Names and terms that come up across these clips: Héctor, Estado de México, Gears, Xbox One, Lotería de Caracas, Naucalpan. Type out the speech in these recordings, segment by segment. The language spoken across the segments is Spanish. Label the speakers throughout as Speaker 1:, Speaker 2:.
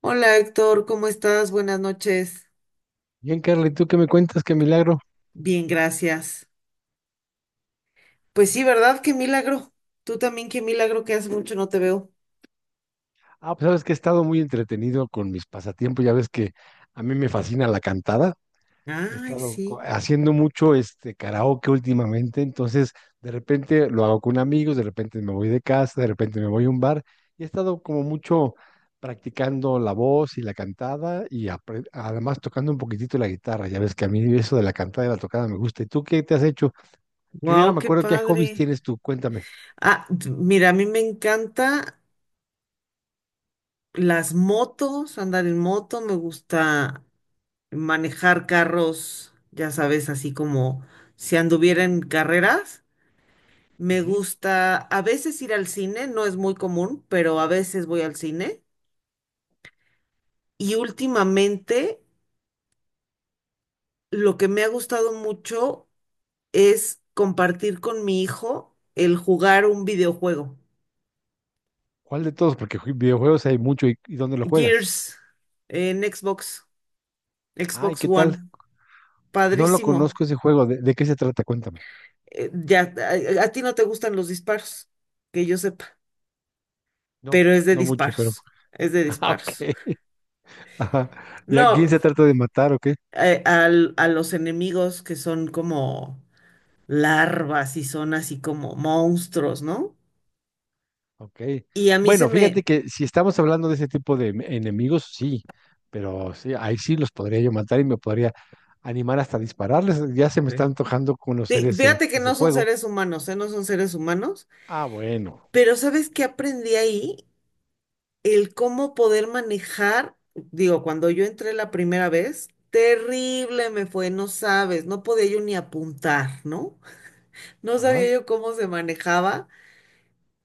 Speaker 1: Hola Héctor, ¿cómo estás? Buenas noches.
Speaker 2: Bien, Carly, ¿tú qué me cuentas? ¿Qué milagro?
Speaker 1: Bien, gracias. Pues sí, ¿verdad? Qué milagro. Tú también, qué milagro que hace mucho no te veo.
Speaker 2: Pues sabes que he estado muy entretenido con mis pasatiempos. Ya ves que a mí me fascina la cantada. He
Speaker 1: Ay,
Speaker 2: estado
Speaker 1: sí.
Speaker 2: haciendo mucho este karaoke últimamente, entonces de repente lo hago con amigos, de repente me voy de casa, de repente me voy a un bar y he estado como mucho practicando la voz y la cantada y además tocando un poquitito la guitarra. Ya ves que a mí eso de la cantada y la tocada me gusta. ¿Y tú qué te has hecho? Yo ya no
Speaker 1: Wow,
Speaker 2: me
Speaker 1: qué
Speaker 2: acuerdo qué hobbies
Speaker 1: padre.
Speaker 2: tienes tú, cuéntame.
Speaker 1: Ah, mira, a mí me encanta las motos, andar en moto, me gusta manejar carros, ya sabes, así como si anduviera en carreras. Me
Speaker 2: Ujú.
Speaker 1: gusta a veces ir al cine, no es muy común, pero a veces voy al cine. Y últimamente lo que me ha gustado mucho es compartir con mi hijo el jugar un videojuego.
Speaker 2: ¿Cuál de todos? Porque videojuegos hay mucho. ¿Y dónde lo juegas?
Speaker 1: Gears en Xbox,
Speaker 2: Ay,
Speaker 1: Xbox
Speaker 2: ¿qué tal?
Speaker 1: One.
Speaker 2: No lo
Speaker 1: Padrísimo.
Speaker 2: conozco ese juego. ¿De qué se trata? Cuéntame.
Speaker 1: Ya, a ti no te gustan los disparos, que yo sepa,
Speaker 2: No,
Speaker 1: pero es de
Speaker 2: no mucho, pero.
Speaker 1: disparos. Es de
Speaker 2: Ah, ok.
Speaker 1: disparos.
Speaker 2: Ajá. ¿Y a
Speaker 1: No,
Speaker 2: quién se trata de matar o qué?
Speaker 1: a los enemigos que son como larvas y son así como monstruos, ¿no?
Speaker 2: Ok.
Speaker 1: Y a mí se
Speaker 2: Bueno, fíjate
Speaker 1: me...
Speaker 2: que si estamos hablando de ese tipo de enemigos, sí. Pero sí, ahí sí los podría yo matar y me podría animar hasta dispararles. Ya se me está
Speaker 1: Sí.
Speaker 2: antojando conocer
Speaker 1: Sí,
Speaker 2: ese,
Speaker 1: fíjate que
Speaker 2: ese
Speaker 1: no son
Speaker 2: juego.
Speaker 1: seres humanos, ¿eh? No son seres humanos,
Speaker 2: Ah, bueno.
Speaker 1: pero ¿sabes qué aprendí ahí? El cómo poder manejar, digo, cuando yo entré la primera vez, terrible me fue, no sabes, no podía yo ni apuntar, ¿no? No sabía
Speaker 2: Ajá.
Speaker 1: yo cómo se manejaba,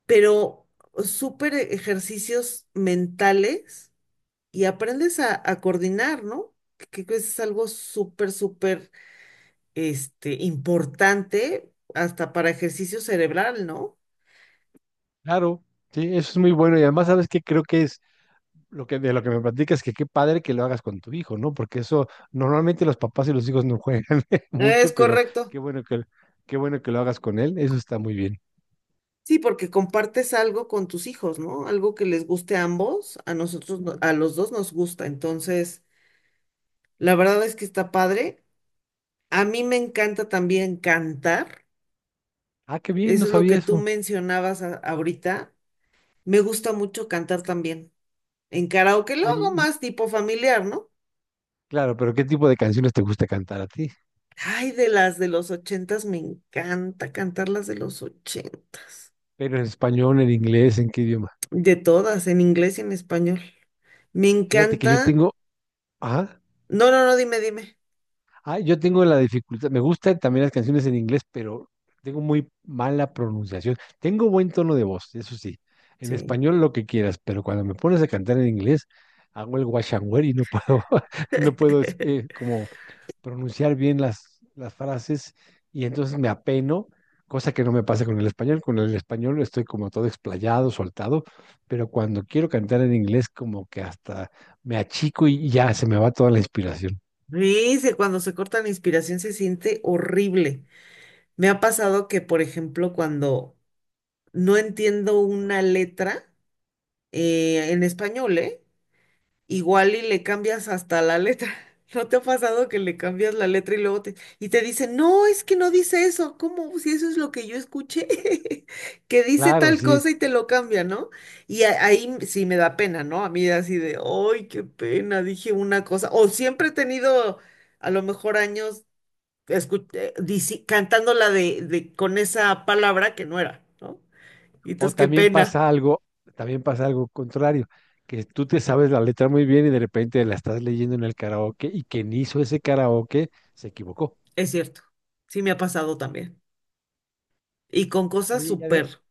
Speaker 1: pero súper ejercicios mentales y aprendes a coordinar, ¿no? Que es algo súper, súper, importante hasta para ejercicio cerebral, ¿no?
Speaker 2: Claro. Sí, eso es muy bueno. Y además, ¿sabes qué? Creo que es lo que, de lo que me platicas, que qué padre que lo hagas con tu hijo, ¿no? Porque eso, normalmente los papás y los hijos no juegan
Speaker 1: Es
Speaker 2: mucho, pero
Speaker 1: correcto.
Speaker 2: qué bueno que, qué bueno que lo hagas con él, eso está muy bien.
Speaker 1: Sí, porque compartes algo con tus hijos, ¿no? Algo que les guste a ambos, a nosotros, a los dos nos gusta. Entonces, la verdad es que está padre. A mí me encanta también cantar.
Speaker 2: Ah, qué bien, no
Speaker 1: Eso es lo que
Speaker 2: sabía
Speaker 1: tú
Speaker 2: eso.
Speaker 1: mencionabas ahorita. Me gusta mucho cantar también. En karaoke lo
Speaker 2: Oye,
Speaker 1: hago más tipo familiar, ¿no?
Speaker 2: claro, pero ¿qué tipo de canciones te gusta cantar a ti?
Speaker 1: Ay, de las de los ochentas, me encanta cantar las de los ochentas.
Speaker 2: Pero en español, en inglés, ¿en qué idioma?
Speaker 1: De todas, en inglés y en español. Me
Speaker 2: Fíjate que yo
Speaker 1: encanta.
Speaker 2: tengo, ajá.
Speaker 1: No, dime, dime.
Speaker 2: Ah, yo tengo la dificultad, me gustan también las canciones en inglés, pero tengo muy mala pronunciación. Tengo buen tono de voz, eso sí. En
Speaker 1: Sí.
Speaker 2: español lo que quieras, pero cuando me pones a cantar en inglés, hago el wash and wear y no puedo, no puedo como pronunciar bien las frases y entonces me apeno, cosa que no me pasa con el español. Con el español estoy como todo explayado, soltado, pero cuando quiero cantar en inglés, como que hasta me achico y ya se me va toda la inspiración.
Speaker 1: Dice, cuando se corta la inspiración se siente horrible. Me ha pasado que, por ejemplo, cuando no entiendo una letra en español, ¿eh? Igual y le cambias hasta la letra. ¿No te ha pasado que le cambias la letra y luego y te dicen, no, es que no dice eso? ¿Cómo? Si eso es lo que yo escuché, que dice
Speaker 2: Claro,
Speaker 1: tal
Speaker 2: sí.
Speaker 1: cosa y te lo cambia, ¿no? Y ahí sí me da pena, ¿no? A mí así de, ay, qué pena, dije una cosa. O siempre he tenido, a lo mejor años, cantándola con esa palabra que no era, ¿no? Y
Speaker 2: O
Speaker 1: entonces, qué pena.
Speaker 2: también pasa algo contrario, que tú te sabes la letra muy bien y de repente la estás leyendo en el karaoke y quien hizo ese karaoke se equivocó.
Speaker 1: Es cierto, sí me ha pasado también. Y con cosas
Speaker 2: Oye, y
Speaker 1: súper.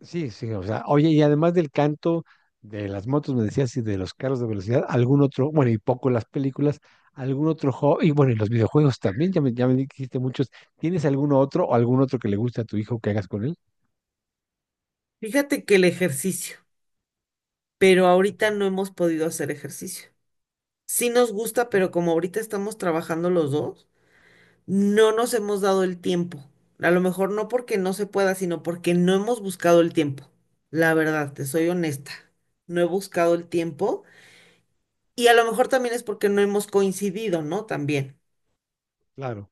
Speaker 2: sí, sí, o sea, oye, y además del canto de las motos, me decías, y de los carros de velocidad, algún otro, bueno, y poco las películas, algún otro hobby, y bueno, y los videojuegos también, ya me dijiste muchos. ¿Tienes algún otro o algún otro que le guste a tu hijo que hagas con él?
Speaker 1: Fíjate que el ejercicio, pero
Speaker 2: Ok,
Speaker 1: ahorita no hemos podido hacer ejercicio. Sí nos gusta,
Speaker 2: sí,
Speaker 1: pero como ahorita estamos trabajando los dos, no nos hemos dado el tiempo. A lo mejor no porque no se pueda, sino porque no hemos buscado el tiempo. La verdad, te
Speaker 2: ya.
Speaker 1: soy honesta, no he buscado el tiempo y a lo mejor también es porque no hemos coincidido, ¿no? También.
Speaker 2: Claro.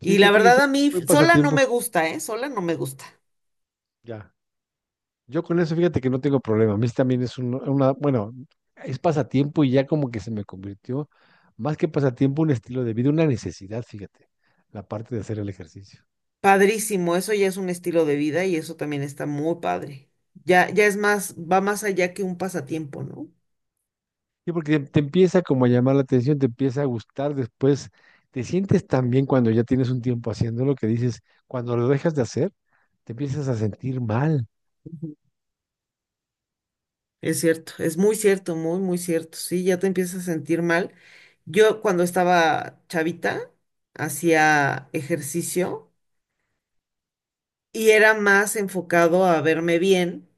Speaker 2: Sí,
Speaker 1: Y la
Speaker 2: fíjate que
Speaker 1: verdad
Speaker 2: sí,
Speaker 1: a mí
Speaker 2: buen
Speaker 1: sola no
Speaker 2: pasatiempo.
Speaker 1: me gusta, ¿eh? Sola no me gusta.
Speaker 2: Ya. Yo con eso, fíjate que no tengo problema. A mí también es una, bueno, es pasatiempo y ya como que se me convirtió, más que pasatiempo, un estilo de vida, una necesidad, fíjate, la parte de hacer el ejercicio.
Speaker 1: Padrísimo, eso ya es un estilo de vida y eso también está muy padre. Ya, ya es más, va más allá que un pasatiempo, ¿no?
Speaker 2: Sí, porque te, empieza como a llamar la atención, te empieza a gustar, después te sientes tan bien cuando ya tienes un tiempo haciendo lo que dices, cuando lo dejas de hacer, te empiezas a sentir mal.
Speaker 1: Ujú. Es cierto, es muy cierto, muy, muy cierto. Sí, ya te empiezas a sentir mal. Yo cuando estaba chavita hacía ejercicio y era más enfocado a verme bien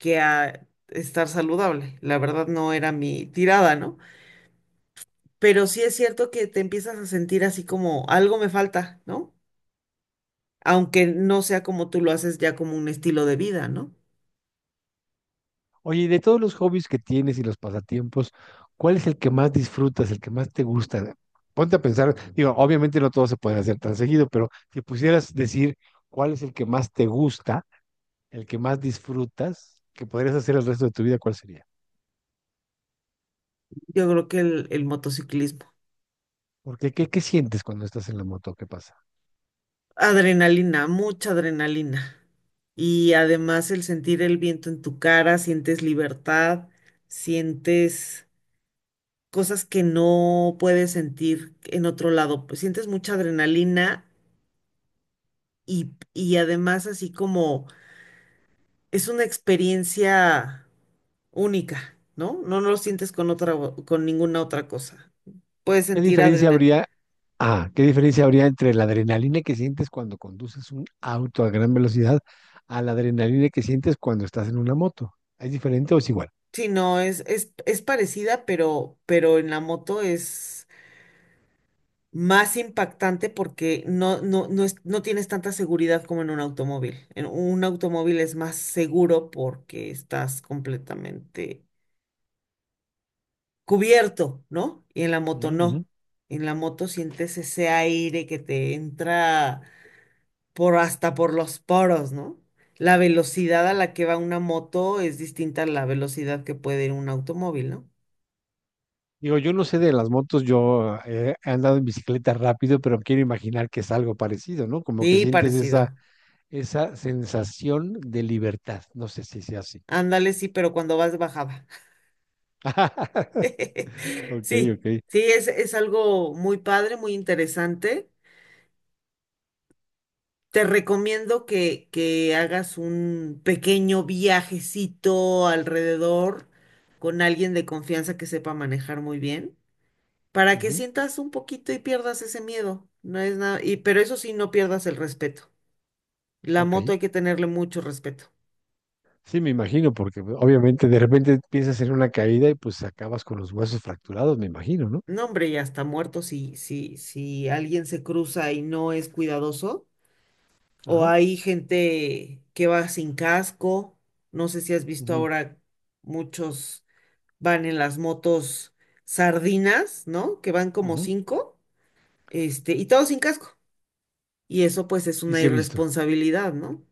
Speaker 1: que a estar saludable. La verdad no era mi tirada, ¿no? Pero sí es cierto que te empiezas a sentir así como algo me falta, ¿no? Aunque no sea como tú lo haces ya como un estilo de vida, ¿no?
Speaker 2: Oye, y de todos los hobbies que tienes y los pasatiempos, ¿cuál es el que más disfrutas, el que más te gusta? Ponte a pensar, digo, obviamente no todos se pueden hacer tan seguido, pero si pudieras decir cuál es el que más te gusta, el que más disfrutas, que podrías hacer el resto de tu vida, ¿cuál sería?
Speaker 1: Yo creo que el motociclismo.
Speaker 2: Porque, ¿qué sientes cuando estás en la moto? ¿Qué pasa?
Speaker 1: Adrenalina, mucha adrenalina. Y además el sentir el viento en tu cara, sientes libertad, sientes cosas que no puedes sentir en otro lado. Pues sientes mucha adrenalina y además así como es una experiencia única, ¿no? No, no lo sientes con otra, con ninguna otra cosa. Puedes
Speaker 2: ¿Qué
Speaker 1: sentir
Speaker 2: diferencia
Speaker 1: adrenalina.
Speaker 2: habría? Ah, ¿qué diferencia habría entre la adrenalina que sientes cuando conduces un auto a gran velocidad a la adrenalina que sientes cuando estás en una moto? ¿Es diferente o es igual?
Speaker 1: Sí, no, es parecida, pero en la moto es más impactante porque no tienes tanta seguridad como en un automóvil. En un automóvil es más seguro porque estás completamente cubierto, ¿no? Y en la moto
Speaker 2: Ujú, ujú.
Speaker 1: no. En la moto sientes ese aire que te entra por hasta por los poros, ¿no? La velocidad a la que va una moto es distinta a la velocidad que puede ir un automóvil, ¿no?
Speaker 2: Digo, yo no sé de las motos, yo he andado en bicicleta rápido, pero quiero imaginar que es algo parecido, ¿no? Como que
Speaker 1: Sí,
Speaker 2: sientes
Speaker 1: parecido.
Speaker 2: esa sensación de libertad. No sé si sea así.
Speaker 1: Ándale, sí, pero cuando vas bajaba.
Speaker 2: Ok,
Speaker 1: Sí,
Speaker 2: ok.
Speaker 1: sí, es algo muy padre, muy interesante. Te recomiendo que hagas un pequeño viajecito alrededor con alguien de confianza que sepa manejar muy bien, para que
Speaker 2: Ujú.
Speaker 1: sientas un poquito y pierdas ese miedo. No es nada, y, pero eso sí, no pierdas el respeto. La
Speaker 2: Ok.
Speaker 1: moto hay que tenerle mucho respeto.
Speaker 2: Sí, me imagino, porque pues, obviamente de repente piensas en una caída y pues acabas con los huesos fracturados, me imagino, ¿no?
Speaker 1: No, hombre, ya está muerto si alguien se cruza y no es cuidadoso. O
Speaker 2: Ajá.
Speaker 1: hay gente que va sin casco. No sé si has visto
Speaker 2: Ujú,
Speaker 1: ahora muchos van en las motos sardinas, ¿no? Que van como
Speaker 2: ujú.
Speaker 1: cinco, y todos sin casco. Y eso pues es
Speaker 2: Y
Speaker 1: una
Speaker 2: sí he visto.
Speaker 1: irresponsabilidad, ¿no?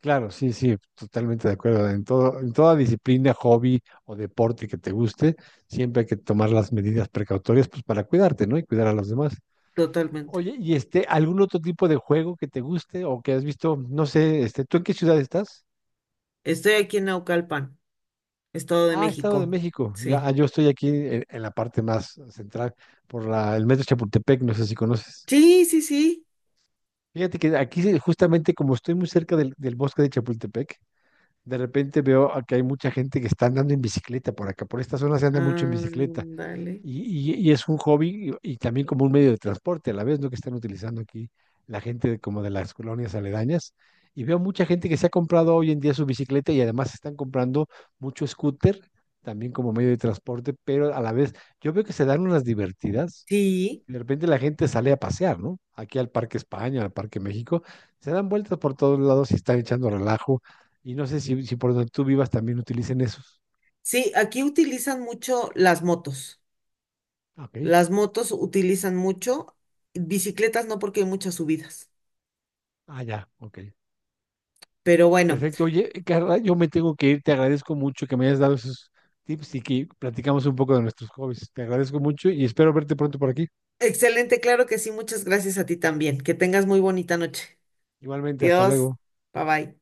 Speaker 2: Claro, sí, sí, totalmente de acuerdo. En todo, en toda disciplina, hobby o deporte que te guste, siempre hay que tomar las medidas precautorias pues para cuidarte, ¿no? Y cuidar a los demás.
Speaker 1: Totalmente.
Speaker 2: Oye, ¿y este algún otro tipo de juego que te guste o que has visto? No sé, este, ¿tú en qué ciudad estás?
Speaker 1: Estoy aquí en Naucalpan, Estado de
Speaker 2: Ah, Estado de
Speaker 1: México.
Speaker 2: México. Ya, ah,
Speaker 1: Sí.
Speaker 2: yo estoy aquí en la parte más central por el metro Chapultepec, no sé si conoces.
Speaker 1: Sí, sí, sí.
Speaker 2: Fíjate que aquí sí, justamente como estoy muy cerca del bosque de Chapultepec, de repente veo a que hay mucha gente que está andando en bicicleta por acá, por esta zona se anda mucho en bicicleta
Speaker 1: Ándale.
Speaker 2: y, y es un hobby y también como un medio de transporte a la vez, ¿no? Que están utilizando aquí la gente como de las colonias aledañas. Y veo mucha gente que se ha comprado hoy en día su bicicleta y además están comprando mucho scooter también como medio de transporte, pero a la vez yo veo que se dan unas divertidas
Speaker 1: Sí,
Speaker 2: y de repente la gente sale a pasear, ¿no? Aquí al Parque España, al Parque México, se dan vueltas por todos lados y están echando relajo. Y no sé si, si por donde tú vivas también utilicen esos.
Speaker 1: sí, aquí utilizan mucho las motos.
Speaker 2: Ok.
Speaker 1: Las motos utilizan mucho, bicicletas no porque hay muchas subidas.
Speaker 2: Ah, ya, ok.
Speaker 1: Pero bueno,
Speaker 2: Perfecto. Oye, Carla, yo me tengo que ir. Te agradezco mucho que me hayas dado esos tips y que platicamos un poco de nuestros hobbies. Te agradezco mucho y espero verte pronto por aquí.
Speaker 1: excelente, claro que sí, muchas gracias a ti también. Que tengas muy bonita noche.
Speaker 2: Igualmente, hasta
Speaker 1: Dios,
Speaker 2: luego.
Speaker 1: bye bye.